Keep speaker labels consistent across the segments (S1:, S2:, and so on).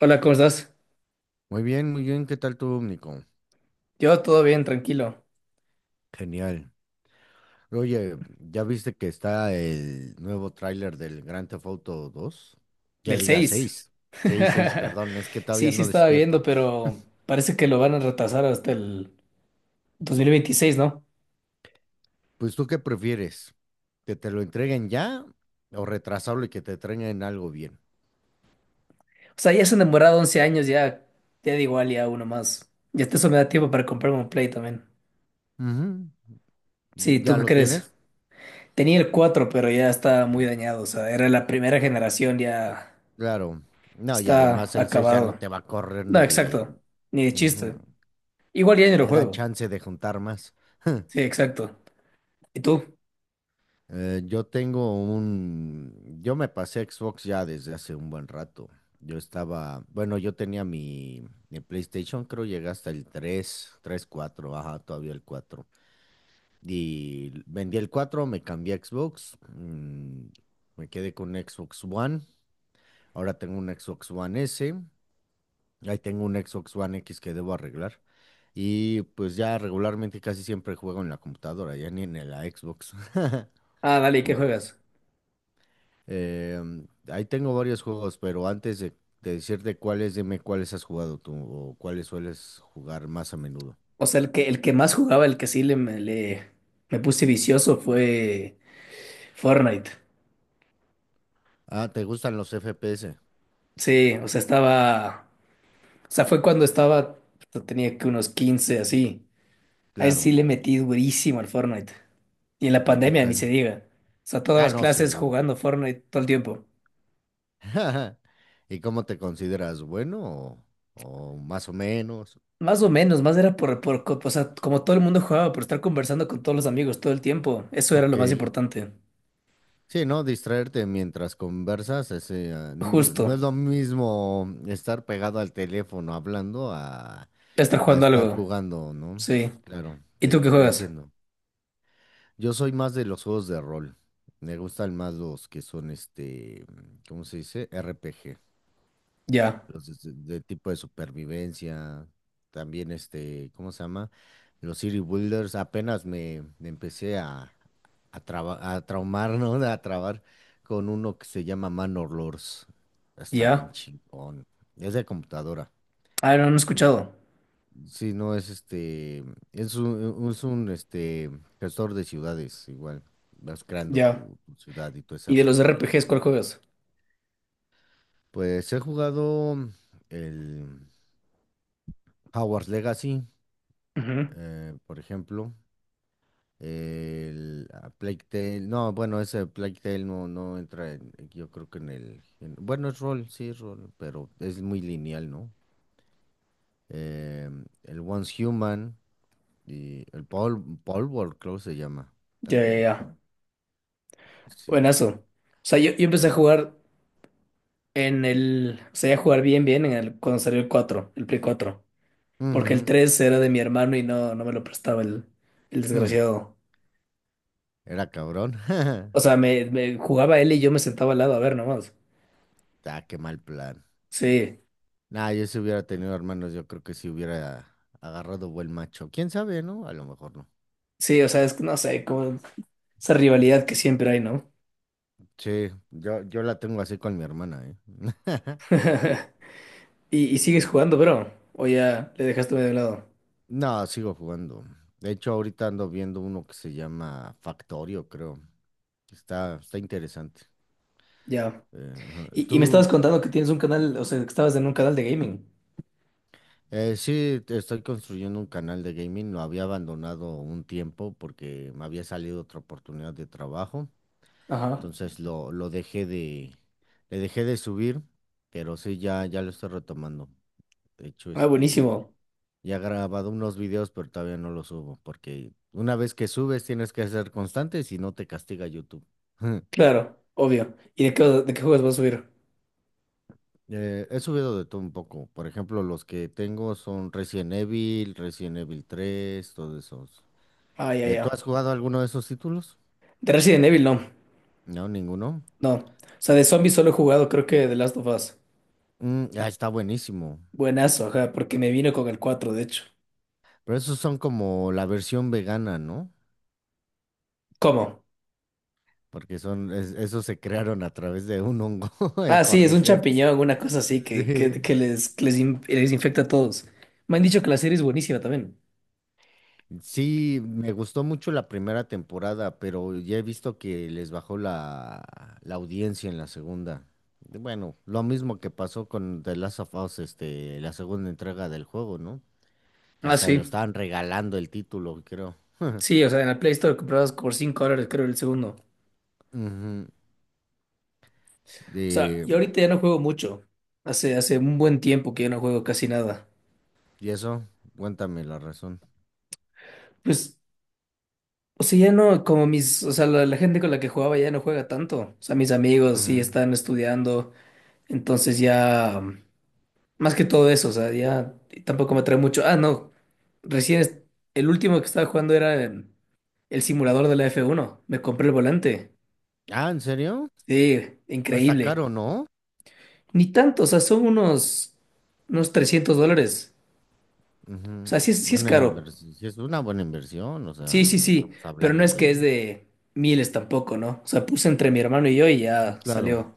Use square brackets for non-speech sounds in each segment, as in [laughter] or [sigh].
S1: Hola, ¿cómo estás?
S2: Muy bien, muy bien. ¿Qué tal tú, Nico?
S1: Yo todo bien, tranquilo.
S2: Genial. Oye, ¿ya viste que está el nuevo tráiler del Grand Theft Auto dos. Ya
S1: Del
S2: diga
S1: seis.
S2: 6, 6, 6.
S1: [laughs]
S2: Perdón, es que
S1: Sí,
S2: todavía
S1: sí
S2: no
S1: estaba viendo,
S2: despierto.
S1: pero parece que lo van a retrasar hasta el 2026, ¿no?
S2: ¿Pues tú qué prefieres? ¿Que te lo entreguen ya o retrasarlo y que te entreguen algo bien?
S1: O sea, ya se han demorado 11 años, ya, ya da igual, ya uno más. Ya hasta eso me da tiempo para comprarme un Play también.
S2: Ujú.
S1: Sí, ¿tú
S2: ¿Ya
S1: qué
S2: lo
S1: crees?
S2: tienes?
S1: Tenía el 4, pero ya está muy
S2: Ujú.
S1: dañado, o sea, era la primera generación, ya
S2: Claro. No, y
S1: está
S2: además el 6 ya no
S1: acabado.
S2: te va a correr
S1: No,
S2: ni de...
S1: exacto, ni de
S2: Ujú.
S1: chiste. Igual ya ni lo
S2: Te da
S1: juego.
S2: chance de juntar más. [laughs]
S1: Sí, exacto. ¿Y tú?
S2: Yo tengo yo me pasé a Xbox ya desde hace un buen rato. Yo estaba, bueno, yo tenía mi PlayStation, creo llegué hasta el 3 3 cuatro, ajá, todavía el cuatro. Y vendí el cuatro, me cambié a Xbox, me quedé con Xbox One. Ahora tengo un Xbox One S, ahí tengo un Xbox One X que debo arreglar. Y pues ya regularmente casi siempre juego en la computadora, ya ni en la Xbox. [laughs]
S1: Ah, dale, ¿y qué
S2: ¿Cómo ves?
S1: juegas?
S2: Eh, ahí tengo varios juegos, pero antes de decirte cuáles, dime cuáles has jugado tú o cuáles sueles jugar más a menudo.
S1: O sea, el que más jugaba, el que sí le, me puse vicioso fue Fortnite.
S2: Ah, ¿te gustan los FPS?
S1: Sí, o sea, estaba. O sea, fue cuando estaba. Tenía que unos 15 así. Ahí sí
S2: Claro.
S1: le metí durísimo al Fortnite. Y en la
S2: ¿Y qué
S1: pandemia ni se
S2: tal?
S1: diga. O sea, todas
S2: Ah,
S1: las
S2: no,
S1: clases
S2: seguro.
S1: jugando Fortnite todo el tiempo.
S2: [laughs] ¿Y cómo te consideras? ¿Bueno o más o menos?
S1: Más o menos, más era o sea, como todo el mundo jugaba, por estar conversando con todos los amigos todo el tiempo. Eso era lo
S2: Ok.
S1: más importante.
S2: Sí, ¿no? Distraerte mientras conversas, ese, ah, no
S1: Justo.
S2: es lo mismo estar pegado al teléfono hablando
S1: Estar
S2: a
S1: jugando
S2: estar
S1: algo.
S2: jugando, ¿no?
S1: Sí.
S2: Claro,
S1: ¿Y
S2: te
S1: tú qué
S2: te
S1: juegas?
S2: entiendo. Yo soy más de los juegos de rol. Me gustan más los que son este, mm, ¿cómo se dice? RPG.
S1: Ya.
S2: Los de tipo de supervivencia. También este, ¿cómo se llama? Los City Builders. Apenas me empecé a, a traumar, ¿no? [laughs] A trabar con uno que se llama Manor Lords. Está bien
S1: Ya.
S2: chingón. Es de computadora.
S1: Ah, no, no he escuchado.
S2: Sí, no, es este, es un este, gestor de ciudades, igual, vas creando
S1: Ya.
S2: tu ciudad y tu
S1: Y de los
S2: desarrollo en el
S1: RPGs,
S2: PUBG.
S1: ¿cuál juegas?
S2: Pues he jugado el Hogwarts Legacy,
S1: Ujú.
S2: por ejemplo, el Plague Tale, no, bueno, ese Plague Tale no, no entra, yo creo que en bueno, es rol, sí, es rol, pero es muy lineal, ¿no? El Once Human y el Paul, Paul World, creo que se llama
S1: Ya, ya,
S2: también,
S1: ya.
S2: sí.
S1: Buenazo. O sea, yo empecé a
S2: Dime.
S1: jugar en el. O sea, a jugar bien, bien en el, cuando salió el cuatro, el Play cuatro. Porque el
S2: Ujú,
S1: 3 era de mi hermano y no me lo prestaba el
S2: mm,
S1: desgraciado.
S2: era cabrón. [laughs]
S1: O sea, me jugaba él y yo me sentaba al lado a ver nomás.
S2: Ah, qué mal plan.
S1: Sí,
S2: Nah, yo si hubiera tenido hermanos, yo creo que si hubiera agarrado buen macho. ¿Quién sabe, no? A lo mejor no.
S1: sí, o sea, es que no sé, como esa rivalidad que siempre hay, ¿no?
S2: Sí, yo la tengo así con mi hermana, ¿eh? [laughs]
S1: [laughs] Y sigues jugando, bro. O ya le dejaste medio de lado.
S2: No, sigo jugando. De hecho, ahorita ando viendo uno que se llama Factorio, creo. Está interesante.
S1: Ya.
S2: Eh, ajá.
S1: Y me estabas
S2: ¿tú,
S1: contando que tienes un canal, o sea, que estabas en un canal de gaming.
S2: Sí, estoy construyendo un canal de gaming. Lo había abandonado un tiempo porque me había salido otra oportunidad de trabajo.
S1: Ajá.
S2: Entonces lo dejé le dejé de subir, pero sí, ya, ya lo estoy retomando. De hecho,
S1: Ah,
S2: este,
S1: buenísimo.
S2: ya he grabado unos videos, pero todavía no los subo porque una vez que subes tienes que ser constante, si no te castiga YouTube. [laughs]
S1: Claro, obvio. ¿Y de qué juegos vas a subir?
S2: He subido de todo un poco. Por ejemplo, los que tengo son Resident Evil, Resident Evil tres, todos esos.
S1: Ah, ya,
S2: ¿Tú
S1: ya.
S2: has jugado alguno de esos títulos?
S1: De Resident Evil, no.
S2: No, ninguno.
S1: No. O sea, de zombies solo he jugado, creo, que The Last of Us.
S2: Mm, ah, está buenísimo.
S1: Buenazo, ajá, porque me vino con el 4, de hecho.
S2: Pero esos son como la versión vegana, ¿no?
S1: ¿Cómo?
S2: Porque son, esos se crearon a través de un hongo, [laughs] el
S1: Ah, sí, es un
S2: Cordyceps.
S1: champiñón, una cosa así que, que,
S2: Sí.
S1: que les, que les les infecta a todos. Me han dicho que la serie es buenísima también.
S2: Sí, me gustó mucho la primera temporada, pero ya he visto que les bajó la audiencia en la segunda. Bueno, lo mismo que pasó con The Last of Us, este, la segunda entrega del juego, ¿no? Que
S1: Ah,
S2: hasta
S1: sí.
S2: lo estaban regalando el título, creo.
S1: Sí, o sea, en la Play Store comprabas por $5, creo, el segundo.
S2: Ujú.
S1: O sea,
S2: De...
S1: yo
S2: mm,
S1: ahorita ya no juego mucho. Hace un buen tiempo que ya no juego casi nada.
S2: ¿y eso? Cuéntame la razón.
S1: Pues, o sea, ya no, como mis, o sea, la gente con la que jugaba ya no juega tanto. O sea, mis amigos sí
S2: Ujú.
S1: están estudiando. Entonces ya, más que todo eso, o sea, ya tampoco me trae mucho. Ah, no, recién es- el último que estaba jugando era el simulador de la f uno. Me compré el volante.
S2: Ah, ¿en serio?
S1: Sí,
S2: Ah, está
S1: increíble.
S2: caro, ¿no?
S1: Ni tanto, o sea, son unos $300. O
S2: Ujú.
S1: sea, sí, sí es
S2: Buena
S1: caro.
S2: inversión. Sí, es una buena inversión, o
S1: Sí,
S2: sea,
S1: sí,
S2: no
S1: sí,
S2: estamos
S1: pero no
S2: hablando
S1: es que es
S2: de...
S1: de miles tampoco, ¿no? O sea, puse entre mi hermano y yo y
S2: Mm,
S1: ya
S2: claro.
S1: salió.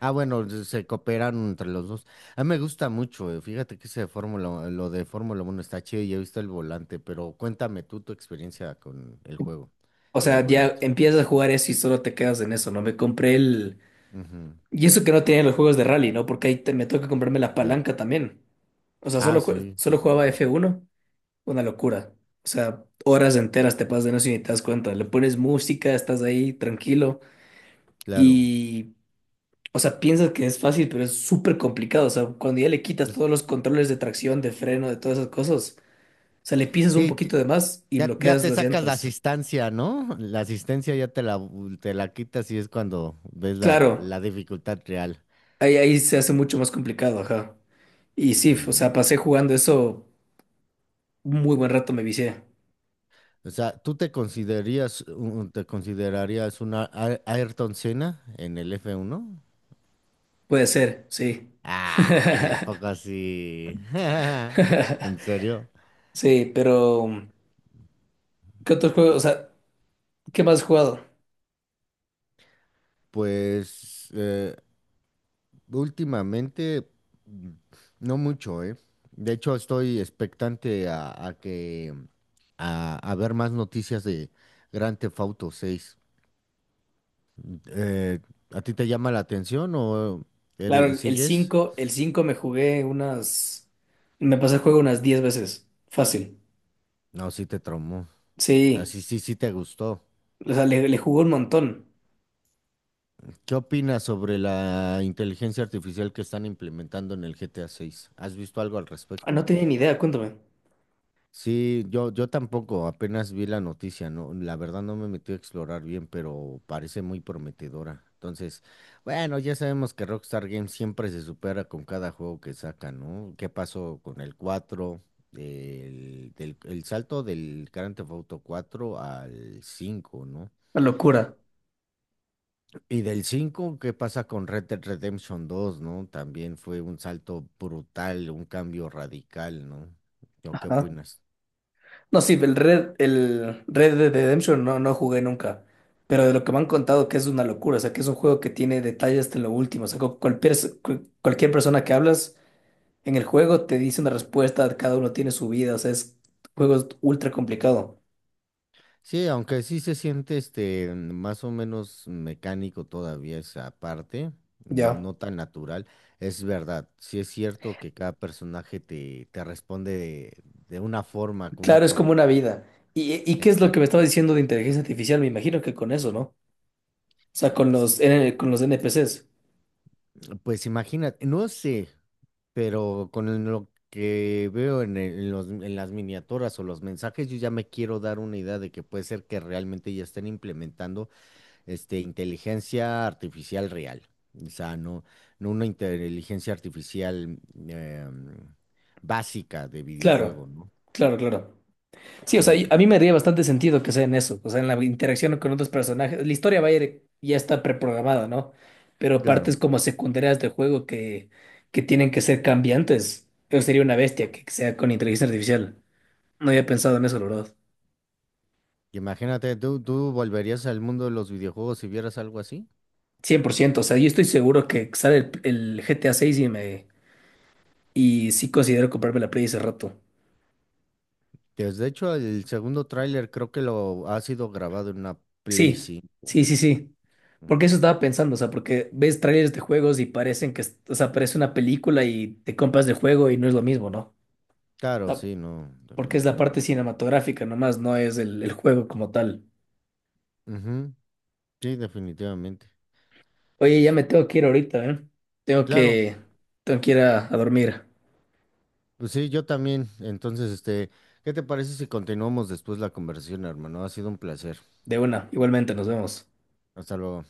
S2: Ah, bueno, se cooperan entre los dos. A mí me gusta mucho, fíjate que ese de Fórmula, lo de Fórmula 1 está chido y he visto el volante, pero cuéntame tú tu experiencia con el juego
S1: O
S2: y el
S1: sea, ya
S2: volante.
S1: empiezas a jugar eso y solo te quedas en eso, ¿no? Me compré el...
S2: Ujú,
S1: Y eso que no tenía los juegos de rally, ¿no? Porque me toca comprarme la
S2: claro.
S1: palanca también. O sea,
S2: Ah, sí, sí,
S1: solo
S2: sí.
S1: jugaba F1, una locura. O sea, horas enteras te pasas de no y ni te das cuenta. Le pones música, estás ahí tranquilo
S2: Claro.
S1: y, o sea, piensas que es fácil, pero es súper complicado. O sea, cuando ya le quitas todos los controles de tracción, de freno, de todas esas cosas. O sea, le pisas un
S2: Sí,
S1: poquito de más y
S2: ya, ya
S1: bloqueas
S2: te
S1: las
S2: sacas la
S1: llantas.
S2: asistencia, ¿no? La asistencia ya te te la quitas y es cuando ves
S1: Claro,
S2: la dificultad real.
S1: ahí se hace mucho más complicado, ajá. Y sí, o sea,
S2: Ujú.
S1: pasé jugando eso un muy buen rato, me vicié.
S2: O sea, ¿tú te considerías, te considerarías una Ayrton Senna en el f uno?
S1: Puede ser, sí.
S2: Ah, ya poco
S1: [laughs]
S2: así. [laughs] ¿En serio?
S1: Sí, pero ¿qué otros juegos? O sea, ¿qué más has jugado?
S2: Pues últimamente mm, no mucho, ¿eh? De hecho, estoy expectante a que a ver más noticias de Grand Theft Auto 6. Eh, ¿A ti te llama la atención o
S1: Claro, el
S2: sigues?
S1: cinco el cinco me jugué unas, me pasé el juego unas 10 veces. Fácil.
S2: No, sí te traumó. O sea,
S1: Sí,
S2: sí, sí, sí te gustó.
S1: o sea, le jugué un montón.
S2: ¿Qué opinas sobre la inteligencia artificial que están implementando en el GTA 6? ¿Has visto algo al
S1: Ah,
S2: respecto?
S1: no tenía ni idea, cuéntame.
S2: Sí, yo tampoco, apenas vi la noticia, no, la verdad no me metí a explorar bien, pero parece muy prometedora. Entonces, bueno, ya sabemos que Rockstar Games siempre se supera con cada juego que saca, ¿no? ¿Qué pasó con el 4, el, del, el salto del Grand Theft Auto cuatro al cinco, ¿no?
S1: Una locura.
S2: Y del 5, ¿qué pasa con Red Dead Redemption dos, ¿no? También fue un salto brutal, un cambio radical, ¿no? ¿O qué
S1: Ajá.
S2: opinas?
S1: No, sí, el Red Dead Redemption no, no jugué nunca. Pero de lo que me han contado que es una locura, o sea, que es un juego que tiene detalles hasta lo último. O sea, cualquier persona que hablas en el juego te dice una respuesta, cada uno tiene su vida, o sea, es juego es ultra complicado.
S2: Sí, aunque sí se siente este más o menos mecánico todavía esa parte, no,
S1: Ya.
S2: no tan natural. Es verdad, sí es cierto que cada personaje te responde de una forma, con una
S1: Claro, es como
S2: programación.
S1: una vida. ¿Y qué es lo que me
S2: Exacto.
S1: estaba diciendo de inteligencia artificial? Me imagino que con eso, ¿no? O sea, con
S2: Sí,
S1: los, con los NPCs.
S2: pues imagínate, no sé, pero con lo que veo en, en las miniaturas o los mensajes, yo ya me quiero dar una idea de que puede ser que realmente ya estén implementando. Este, inteligencia artificial real. O sea, no, no una inteligencia artificial em, básica de
S1: Claro,
S2: videojuego, ¿no?
S1: claro. Sí, o sea, a
S2: Im-
S1: mí me haría bastante sentido que sea en eso, o sea, en la interacción con otros personajes. La historia va a ir, ya está preprogramada, ¿no? Pero partes
S2: claro.
S1: como secundarias del juego que tienen que ser cambiantes. Yo sería una bestia que sea con inteligencia artificial. No había pensado en eso, la verdad.
S2: Imagínate, ¿tú volverías al mundo de los videojuegos si vieras algo así?
S1: 100%. O sea, yo estoy seguro que sale el GTA 6 y me y sí considero comprarme la Play ese rato.
S2: Pues de hecho, el segundo tráiler creo que lo ha sido grabado en una Play
S1: Sí,
S2: 5.
S1: sí. Porque eso
S2: Ujú.
S1: estaba pensando, o sea, porque ves trailers de juegos y parecen que, o sea, parece una película y te compras el juego y no es lo mismo, ¿no?
S2: Claro,
S1: Ah,
S2: sí, no,
S1: porque es la parte
S2: definitivamente.
S1: cinematográfica nomás, no es el juego como tal.
S2: Ujú, sí, definitivamente.
S1: Oye, ya
S2: Es,
S1: me tengo que ir ahorita, ¿eh? Tengo
S2: claro,
S1: que, tengo que ir a dormir.
S2: pues sí, yo también. Entonces, este, ¿qué te parece si continuamos después la conversación, hermano? Ha sido un placer.
S1: De una, igualmente, nos vemos.
S2: Hasta luego.